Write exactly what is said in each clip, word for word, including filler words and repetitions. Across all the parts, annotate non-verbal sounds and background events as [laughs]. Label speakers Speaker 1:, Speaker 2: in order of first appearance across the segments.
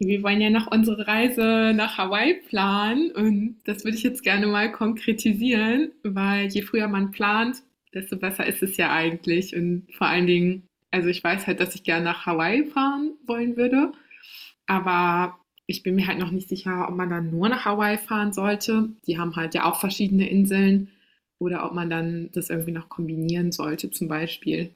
Speaker 1: Wir wollen ja noch unsere Reise nach Hawaii planen und das würde ich jetzt gerne mal konkretisieren, weil je früher man plant, desto besser ist es ja eigentlich. Und vor allen Dingen, also ich weiß halt, dass ich gerne nach Hawaii fahren wollen würde, aber ich bin mir halt noch nicht sicher, ob man dann nur nach Hawaii fahren sollte. Die haben halt ja auch verschiedene Inseln oder ob man dann das irgendwie noch kombinieren sollte, zum Beispiel.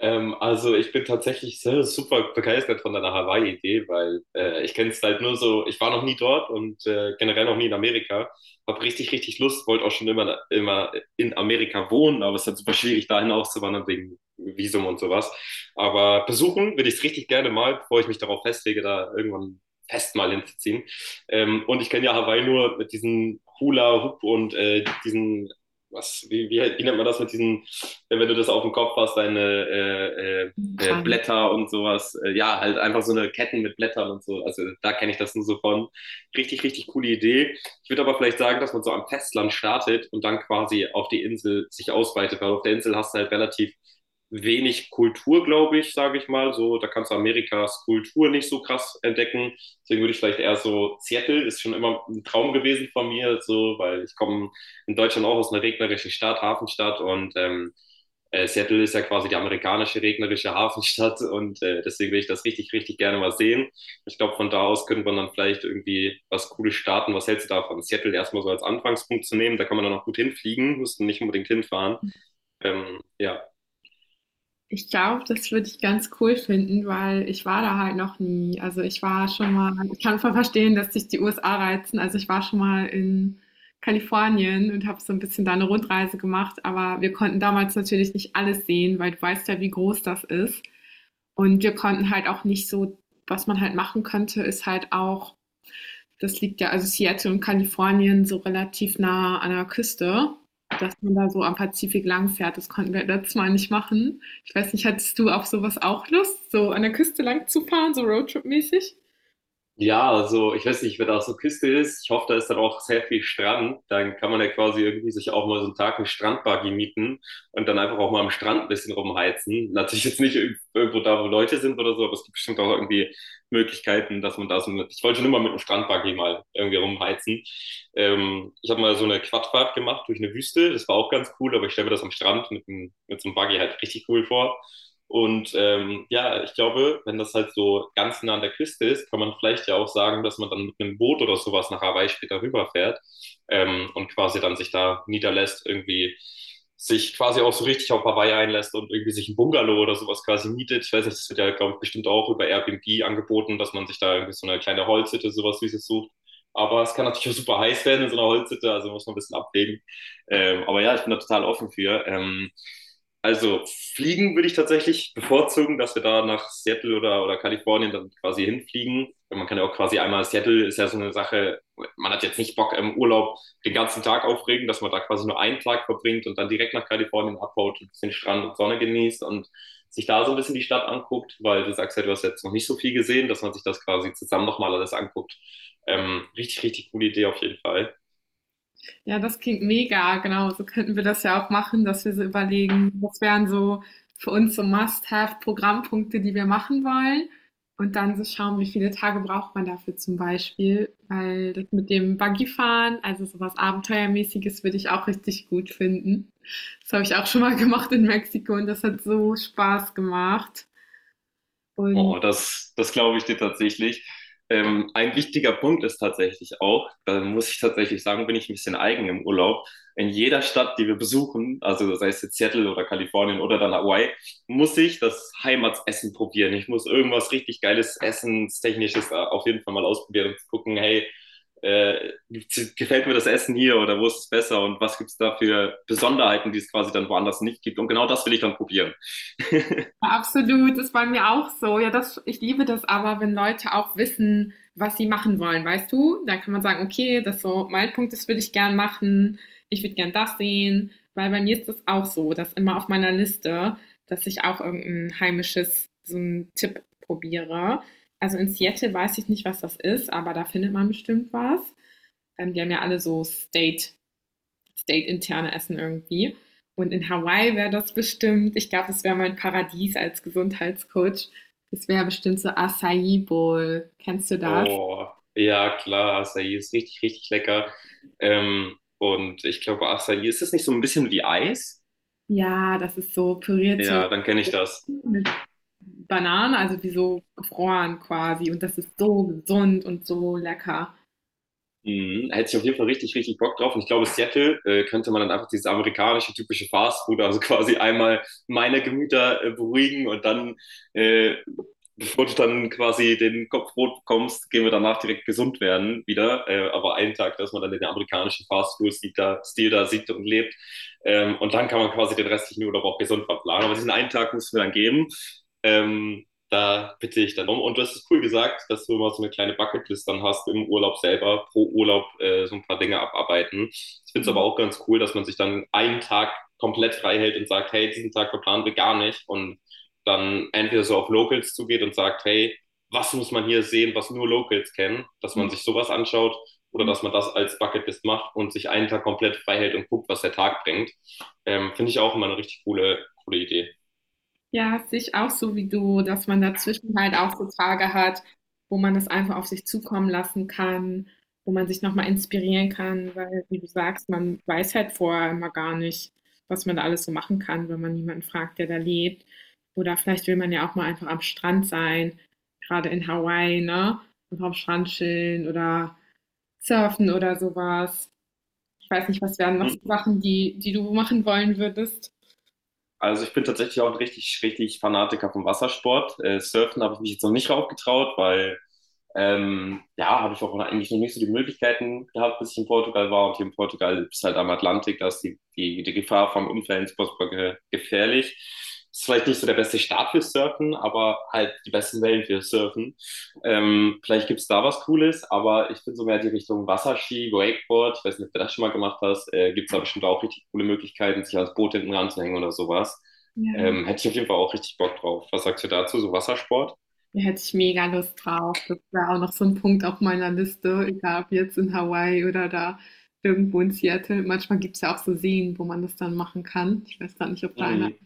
Speaker 2: Ähm, also ich bin tatsächlich sehr, super begeistert von deiner Hawaii-Idee, weil äh, ich kenne es halt nur so. Ich war noch nie dort und äh, generell noch nie in Amerika. Hab richtig, richtig Lust, wollte auch schon immer, immer in Amerika wohnen, aber es ist halt super schwierig, dahin auszuwandern wegen Visum und sowas. Aber besuchen würde ich es richtig gerne mal, bevor ich mich darauf festlege, da irgendwann fest mal hinzuziehen. Ähm, und ich kenne ja Hawaii nur mit diesen Hula-Hoop und äh, diesen, was, wie, wie, wie nennt man das mit diesen, wenn du das auf dem Kopf hast, deine äh, äh,
Speaker 1: Ähm,
Speaker 2: äh, Blätter und sowas. Äh, ja, halt einfach so eine Ketten mit Blättern und so. Also da kenne ich das nur so von. Richtig, richtig coole Idee. Ich würde aber vielleicht sagen, dass man so am Festland startet und dann quasi auf die Insel sich ausweitet, weil auf der Insel hast du halt relativ wenig Kultur, glaube ich, sage ich mal. So, da kannst du Amerikas Kultur nicht so krass entdecken. Deswegen würde ich vielleicht eher so, Seattle ist schon immer ein Traum gewesen von mir, so, weil ich komme in Deutschland auch aus einer regnerischen Stadt, Hafenstadt, und ähm, äh, Seattle ist ja quasi die amerikanische regnerische Hafenstadt [laughs] und äh, deswegen will ich das richtig, richtig gerne mal sehen. Ich glaube, von da aus könnte man dann vielleicht irgendwie was Cooles starten. Was hältst du davon? Seattle erstmal so als Anfangspunkt zu nehmen, da kann man dann auch gut hinfliegen, muss nicht unbedingt hinfahren. Ähm, ja,
Speaker 1: Ich glaube, das würde ich ganz cool finden, weil ich war da halt noch nie. Also ich war schon mal, ich kann voll verstehen, dass sich die U S A reizen. Also ich war schon mal in Kalifornien und habe so ein bisschen da eine Rundreise gemacht, aber wir konnten damals natürlich nicht alles sehen, weil du weißt ja, wie groß das ist. Und wir konnten halt auch nicht so, was man halt machen könnte, ist halt auch das liegt ja, also Seattle und Kalifornien so relativ nah an der Küste, dass man da so am Pazifik lang fährt. Das konnten wir letztes Mal nicht machen. Ich weiß nicht, hattest du auf sowas auch Lust, so an der Küste lang zu fahren, so Roadtrip-mäßig?
Speaker 2: Ja, also ich weiß nicht, wenn da so eine Küste ist, ich hoffe, da ist dann auch sehr viel Strand. Dann kann man ja quasi irgendwie sich auch mal so einen Tag einen Strandbuggy mieten und dann einfach auch mal am Strand ein bisschen rumheizen. Natürlich jetzt nicht irg- irgendwo da, wo Leute sind oder so, aber es gibt bestimmt auch irgendwie Möglichkeiten, dass man da so mit, ich wollte schon immer mit einem Strandbuggy mal irgendwie rumheizen. Ähm, ich habe mal so eine Quadfahrt gemacht durch eine Wüste, das war auch ganz cool, aber ich stelle mir das am Strand mit, einem, mit so einem Buggy halt richtig cool vor. Und ähm, ja, ich glaube, wenn das halt so ganz nah an der Küste ist, kann man vielleicht ja auch sagen, dass man dann mit einem Boot oder sowas nach Hawaii später rüberfährt, ähm, und quasi dann sich da niederlässt, irgendwie sich quasi auch so richtig auf Hawaii einlässt und irgendwie sich ein Bungalow oder sowas quasi mietet. Ich weiß nicht, das wird ja, glaube ich, bestimmt auch über Airbnb angeboten, dass man sich da irgendwie so eine kleine Holzhütte, sowas Süßes sucht. Aber es kann natürlich auch super heiß werden in so einer Holzhütte, also muss man ein bisschen abwägen. Ähm, aber ja, ich bin da total offen für. Ähm, also fliegen würde ich tatsächlich bevorzugen, dass wir da nach Seattle oder, oder Kalifornien dann quasi hinfliegen. Man kann ja auch quasi einmal, Seattle ist ja so eine Sache, man hat jetzt nicht Bock im Urlaub den ganzen Tag aufregen, dass man da quasi nur einen Tag verbringt und dann direkt nach Kalifornien abhaut, ein bisschen Strand und Sonne genießt und sich da so ein bisschen die Stadt anguckt, weil du sagst ja, du hast jetzt noch nicht so viel gesehen, dass man sich das quasi zusammen nochmal alles anguckt. Ähm, richtig, richtig coole Idee auf jeden Fall.
Speaker 1: Ja, das klingt mega, genau. So könnten wir das ja auch machen, dass wir so überlegen, was wären so für uns so Must-Have-Programmpunkte, die wir machen wollen. Und dann so schauen, wie viele Tage braucht man dafür zum Beispiel. Weil das mit dem Buggyfahren, also sowas Abenteuermäßiges, würde ich auch richtig gut finden. Das habe ich auch schon mal [laughs] gemacht in Mexiko und das hat so Spaß gemacht.
Speaker 2: Oh,
Speaker 1: Und
Speaker 2: das, das glaube ich dir tatsächlich. Ähm, ein wichtiger Punkt ist tatsächlich auch, da muss ich tatsächlich sagen, bin ich ein bisschen eigen im Urlaub. In jeder Stadt, die wir besuchen, also sei es jetzt Seattle oder Kalifornien oder dann Hawaii, muss ich das Heimatsessen probieren. Ich muss irgendwas richtig geiles Essenstechnisches da auf jeden Fall mal ausprobieren und gucken, hey, äh, gibt's- gefällt mir das Essen hier oder wo ist es besser und was gibt es da für Besonderheiten, die es quasi dann woanders nicht gibt. Und genau das will ich dann probieren. [laughs]
Speaker 1: absolut, ist bei mir auch so. Ja, das, ich liebe das aber, wenn Leute auch wissen, was sie machen wollen, weißt du? Da kann man sagen, okay, das so mein Punkt, das würde ich gern machen, ich würde gern das sehen, weil bei mir ist das auch so, dass immer auf meiner Liste, dass ich auch irgendein heimisches, so einen Tipp probiere. Also in Seattle weiß ich nicht, was das ist, aber da findet man bestimmt was. Ähm, die haben ja alle so State state-interne Essen irgendwie. Und in Hawaii wäre das bestimmt, ich glaube, das wäre mein Paradies als Gesundheitscoach. Das wäre bestimmt so Acai Bowl. Kennst du das?
Speaker 2: Oh, ja, klar, Acai ist richtig, richtig lecker. Ähm, und ich glaube, Acai, ist das nicht so ein bisschen wie Eis?
Speaker 1: Ja, das ist so pürierte
Speaker 2: Ja, dann kenne ich das.
Speaker 1: mit Bananen, also wie so gefroren quasi. Und das ist so gesund und so lecker.
Speaker 2: Mhm, hätte ich auf jeden Fall richtig, richtig Bock drauf. Und ich glaube, Seattle äh, könnte man dann einfach dieses amerikanische typische Fast Food, also [laughs] quasi einmal meine Gemüter äh, beruhigen und dann, äh, bevor du dann quasi den Kopf rot bekommst, gehen wir danach direkt gesund werden wieder. Äh, aber einen Tag, dass man dann den amerikanischen Fast Food-Stil da, Stil da sieht und lebt. Ähm, und dann kann man quasi den restlichen Urlaub auch gesund verplanen. Aber diesen einen Tag müssen wir dann geben. Ähm, da bitte ich dann um. Und du hast es cool gesagt, dass du immer so eine kleine Bucketlist dann hast im Urlaub selber, pro Urlaub äh, so ein paar Dinge abarbeiten. Ich finde es aber
Speaker 1: Ja.
Speaker 2: auch ganz cool, dass man sich dann einen Tag komplett frei hält und sagt, hey, diesen Tag verplanen wir gar nicht. Und dann entweder so auf Locals zugeht und sagt, hey, was muss man hier sehen, was nur Locals kennen, dass man sich sowas anschaut, oder dass man das als Bucketlist macht und sich einen Tag komplett frei hält und guckt, was der Tag bringt. Ähm, finde ich auch immer eine richtig coole, coole Idee.
Speaker 1: Ja, sehe ich auch so wie du, dass man dazwischen halt auch so Tage hat, wo man das einfach auf sich zukommen lassen kann, wo man sich noch mal inspirieren kann, weil, wie du sagst, man weiß halt vorher immer gar nicht, was man da alles so machen kann, wenn man niemanden fragt, der da lebt. Oder vielleicht will man ja auch mal einfach am Strand sein, gerade in Hawaii, ne? Einfach am Strand chillen oder surfen oder sowas. Ich weiß nicht, was wären noch so
Speaker 2: Mhm.
Speaker 1: Sachen, die, die du machen wollen würdest?
Speaker 2: Also ich bin tatsächlich auch ein richtig, richtig Fanatiker vom Wassersport. Äh, Surfen habe ich mich jetzt noch nicht raufgetraut, weil ähm, ja, habe ich auch eigentlich noch nicht so die Möglichkeiten gehabt, bis ich in Portugal war. Und hier in Portugal ist halt am Atlantik, da ist die, die, die Gefahr vom Unfällen ist furchtbar ge gefährlich. Ist vielleicht nicht so der beste Start für Surfen, aber halt die besten Wellen für Surfen. Ähm, vielleicht gibt's da was Cooles, aber ich bin so mehr die Richtung Wasserski, Wakeboard. Ich weiß nicht, ob du das schon mal gemacht hast. Äh, gibt's da bestimmt auch richtig coole Möglichkeiten, sich ans Boot hinten ranzuhängen oder sowas.
Speaker 1: Ja.
Speaker 2: Ähm, hätte ich auf jeden Fall auch richtig Bock drauf. Was sagst du dazu, so Wassersport?
Speaker 1: Da hätte ich mega Lust drauf. Das wäre auch noch so ein Punkt auf meiner Liste, egal ob jetzt in Hawaii oder da irgendwo in Seattle. Manchmal gibt es ja auch so Seen, wo man das dann machen kann. Ich weiß gar nicht, ob da einer
Speaker 2: Mhm.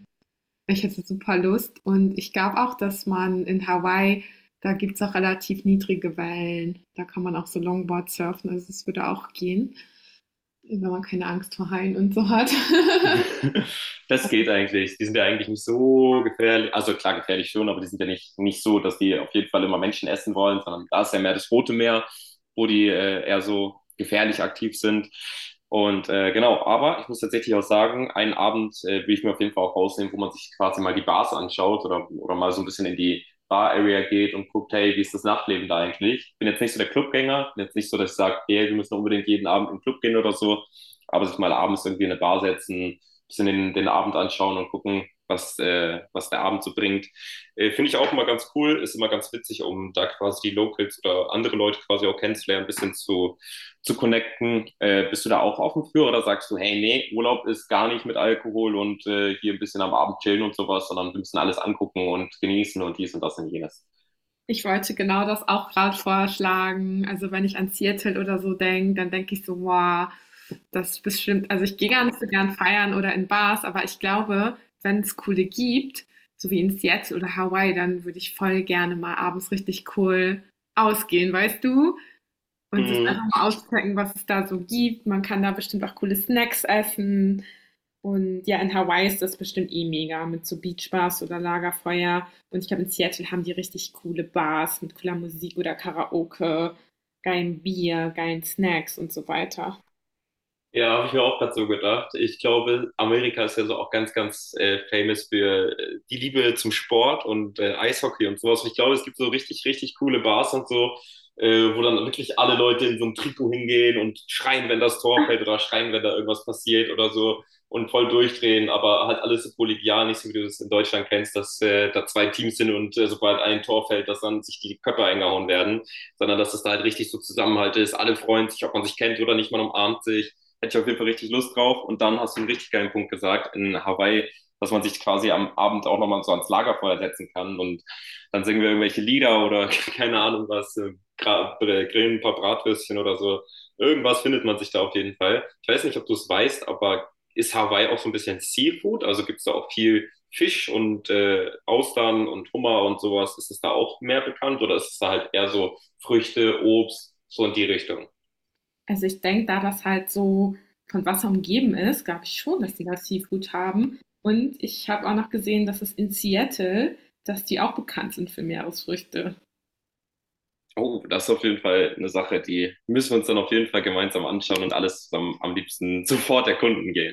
Speaker 1: ich hätte super Lust und ich glaube auch, dass man in Hawaii da gibt's auch relativ niedrige Wellen. Da kann man auch so Longboard surfen, also, es würde auch gehen, wenn man keine Angst vor Haien und so hat. [laughs]
Speaker 2: [laughs] Das geht eigentlich. Die sind ja eigentlich nicht so gefährlich. Also klar, gefährlich schon, aber die sind ja nicht, nicht so, dass die auf jeden Fall immer Menschen essen wollen, sondern da ist ja mehr das Rote Meer, wo die äh, eher so gefährlich aktiv sind. Und äh, genau, aber ich muss tatsächlich auch sagen, einen Abend äh, will ich mir auf jeden Fall auch rausnehmen, wo man sich quasi mal die Bars anschaut oder, oder mal so ein bisschen in die Bar-Area geht und guckt, hey, wie ist das Nachtleben da eigentlich? Ich bin jetzt nicht so der Clubgänger, bin jetzt nicht so, dass ich sage, hey, wir müssen unbedingt jeden Abend in den Club gehen oder so, aber sich mal abends irgendwie in eine Bar setzen, bisschen den, den Abend anschauen und gucken, was, äh, was der Abend so bringt. Äh, Finde ich auch immer ganz cool, ist immer ganz witzig, um da quasi die Locals oder andere Leute quasi auch kennenzulernen, ein bisschen zu, zu connecten. Äh, bist du da auch offen für, oder sagst du, hey, nee, Urlaub ist gar nicht mit Alkohol und äh, hier ein bisschen am Abend chillen und sowas, sondern wir müssen alles angucken und genießen und dies und das und jenes?
Speaker 1: Ich wollte genau das auch gerade vorschlagen. Also, wenn ich an Seattle oder so denke, dann denke ich so: „Boah, das ist bestimmt“, also, ich gehe gar nicht so gern feiern oder in Bars, aber ich glaube, wenn es coole gibt, so wie in Seattle oder Hawaii, dann würde ich voll gerne mal abends richtig cool ausgehen, weißt du? Und das
Speaker 2: Mm,
Speaker 1: einfach mal auschecken, was es da so gibt. Man kann da bestimmt auch coole Snacks essen und ja, in Hawaii ist das bestimmt eh mega mit so Beachbars oder Lagerfeuer. Und ich glaube, in Seattle haben die richtig coole Bars mit cooler Musik oder Karaoke, geilen Bier, geilen Snacks und so weiter.
Speaker 2: ja, habe ich mir auch gerade so gedacht. Ich glaube, Amerika ist ja so auch ganz, ganz äh, famous für äh, die Liebe zum Sport und äh, Eishockey und sowas. Und ich glaube, es gibt so richtig, richtig coole Bars und so, äh, wo dann wirklich alle Leute in so einem Trikot hingehen und schreien, wenn das Tor fällt oder schreien, wenn da irgendwas passiert oder so und voll durchdrehen, aber halt alles so kollegial, nicht so wie du das in Deutschland kennst, dass äh, da zwei Teams sind und äh, sobald ein Tor fällt, dass dann sich die Köpfe eingehauen werden, sondern dass es da halt richtig so Zusammenhalt ist, alle freuen sich, ob man sich kennt oder nicht, man umarmt sich. Hätte ich auf jeden Fall richtig Lust drauf. Und dann hast du einen richtig geilen Punkt gesagt in Hawaii, dass man sich quasi am Abend auch nochmal so ans Lagerfeuer setzen kann. Und dann singen wir irgendwelche Lieder oder [laughs] keine Ahnung was, äh, äh, grillen ein paar Bratwürstchen oder so. Irgendwas findet man sich da auf jeden Fall. Ich weiß nicht, ob du es weißt, aber ist Hawaii auch so ein bisschen Seafood? Also gibt es da auch viel Fisch und äh, Austern und Hummer und sowas? Ist es da auch mehr bekannt oder ist es da halt eher so Früchte, Obst, so in die Richtung?
Speaker 1: Also ich denke, da das halt so von Wasser umgeben ist, glaube ich schon, dass die da Seafood haben. Und ich habe auch noch gesehen, dass es in Seattle, dass die auch bekannt sind für Meeresfrüchte.
Speaker 2: Oh, das ist auf jeden Fall eine Sache, die müssen wir uns dann auf jeden Fall gemeinsam anschauen und alles zusammen am liebsten sofort erkunden gehen.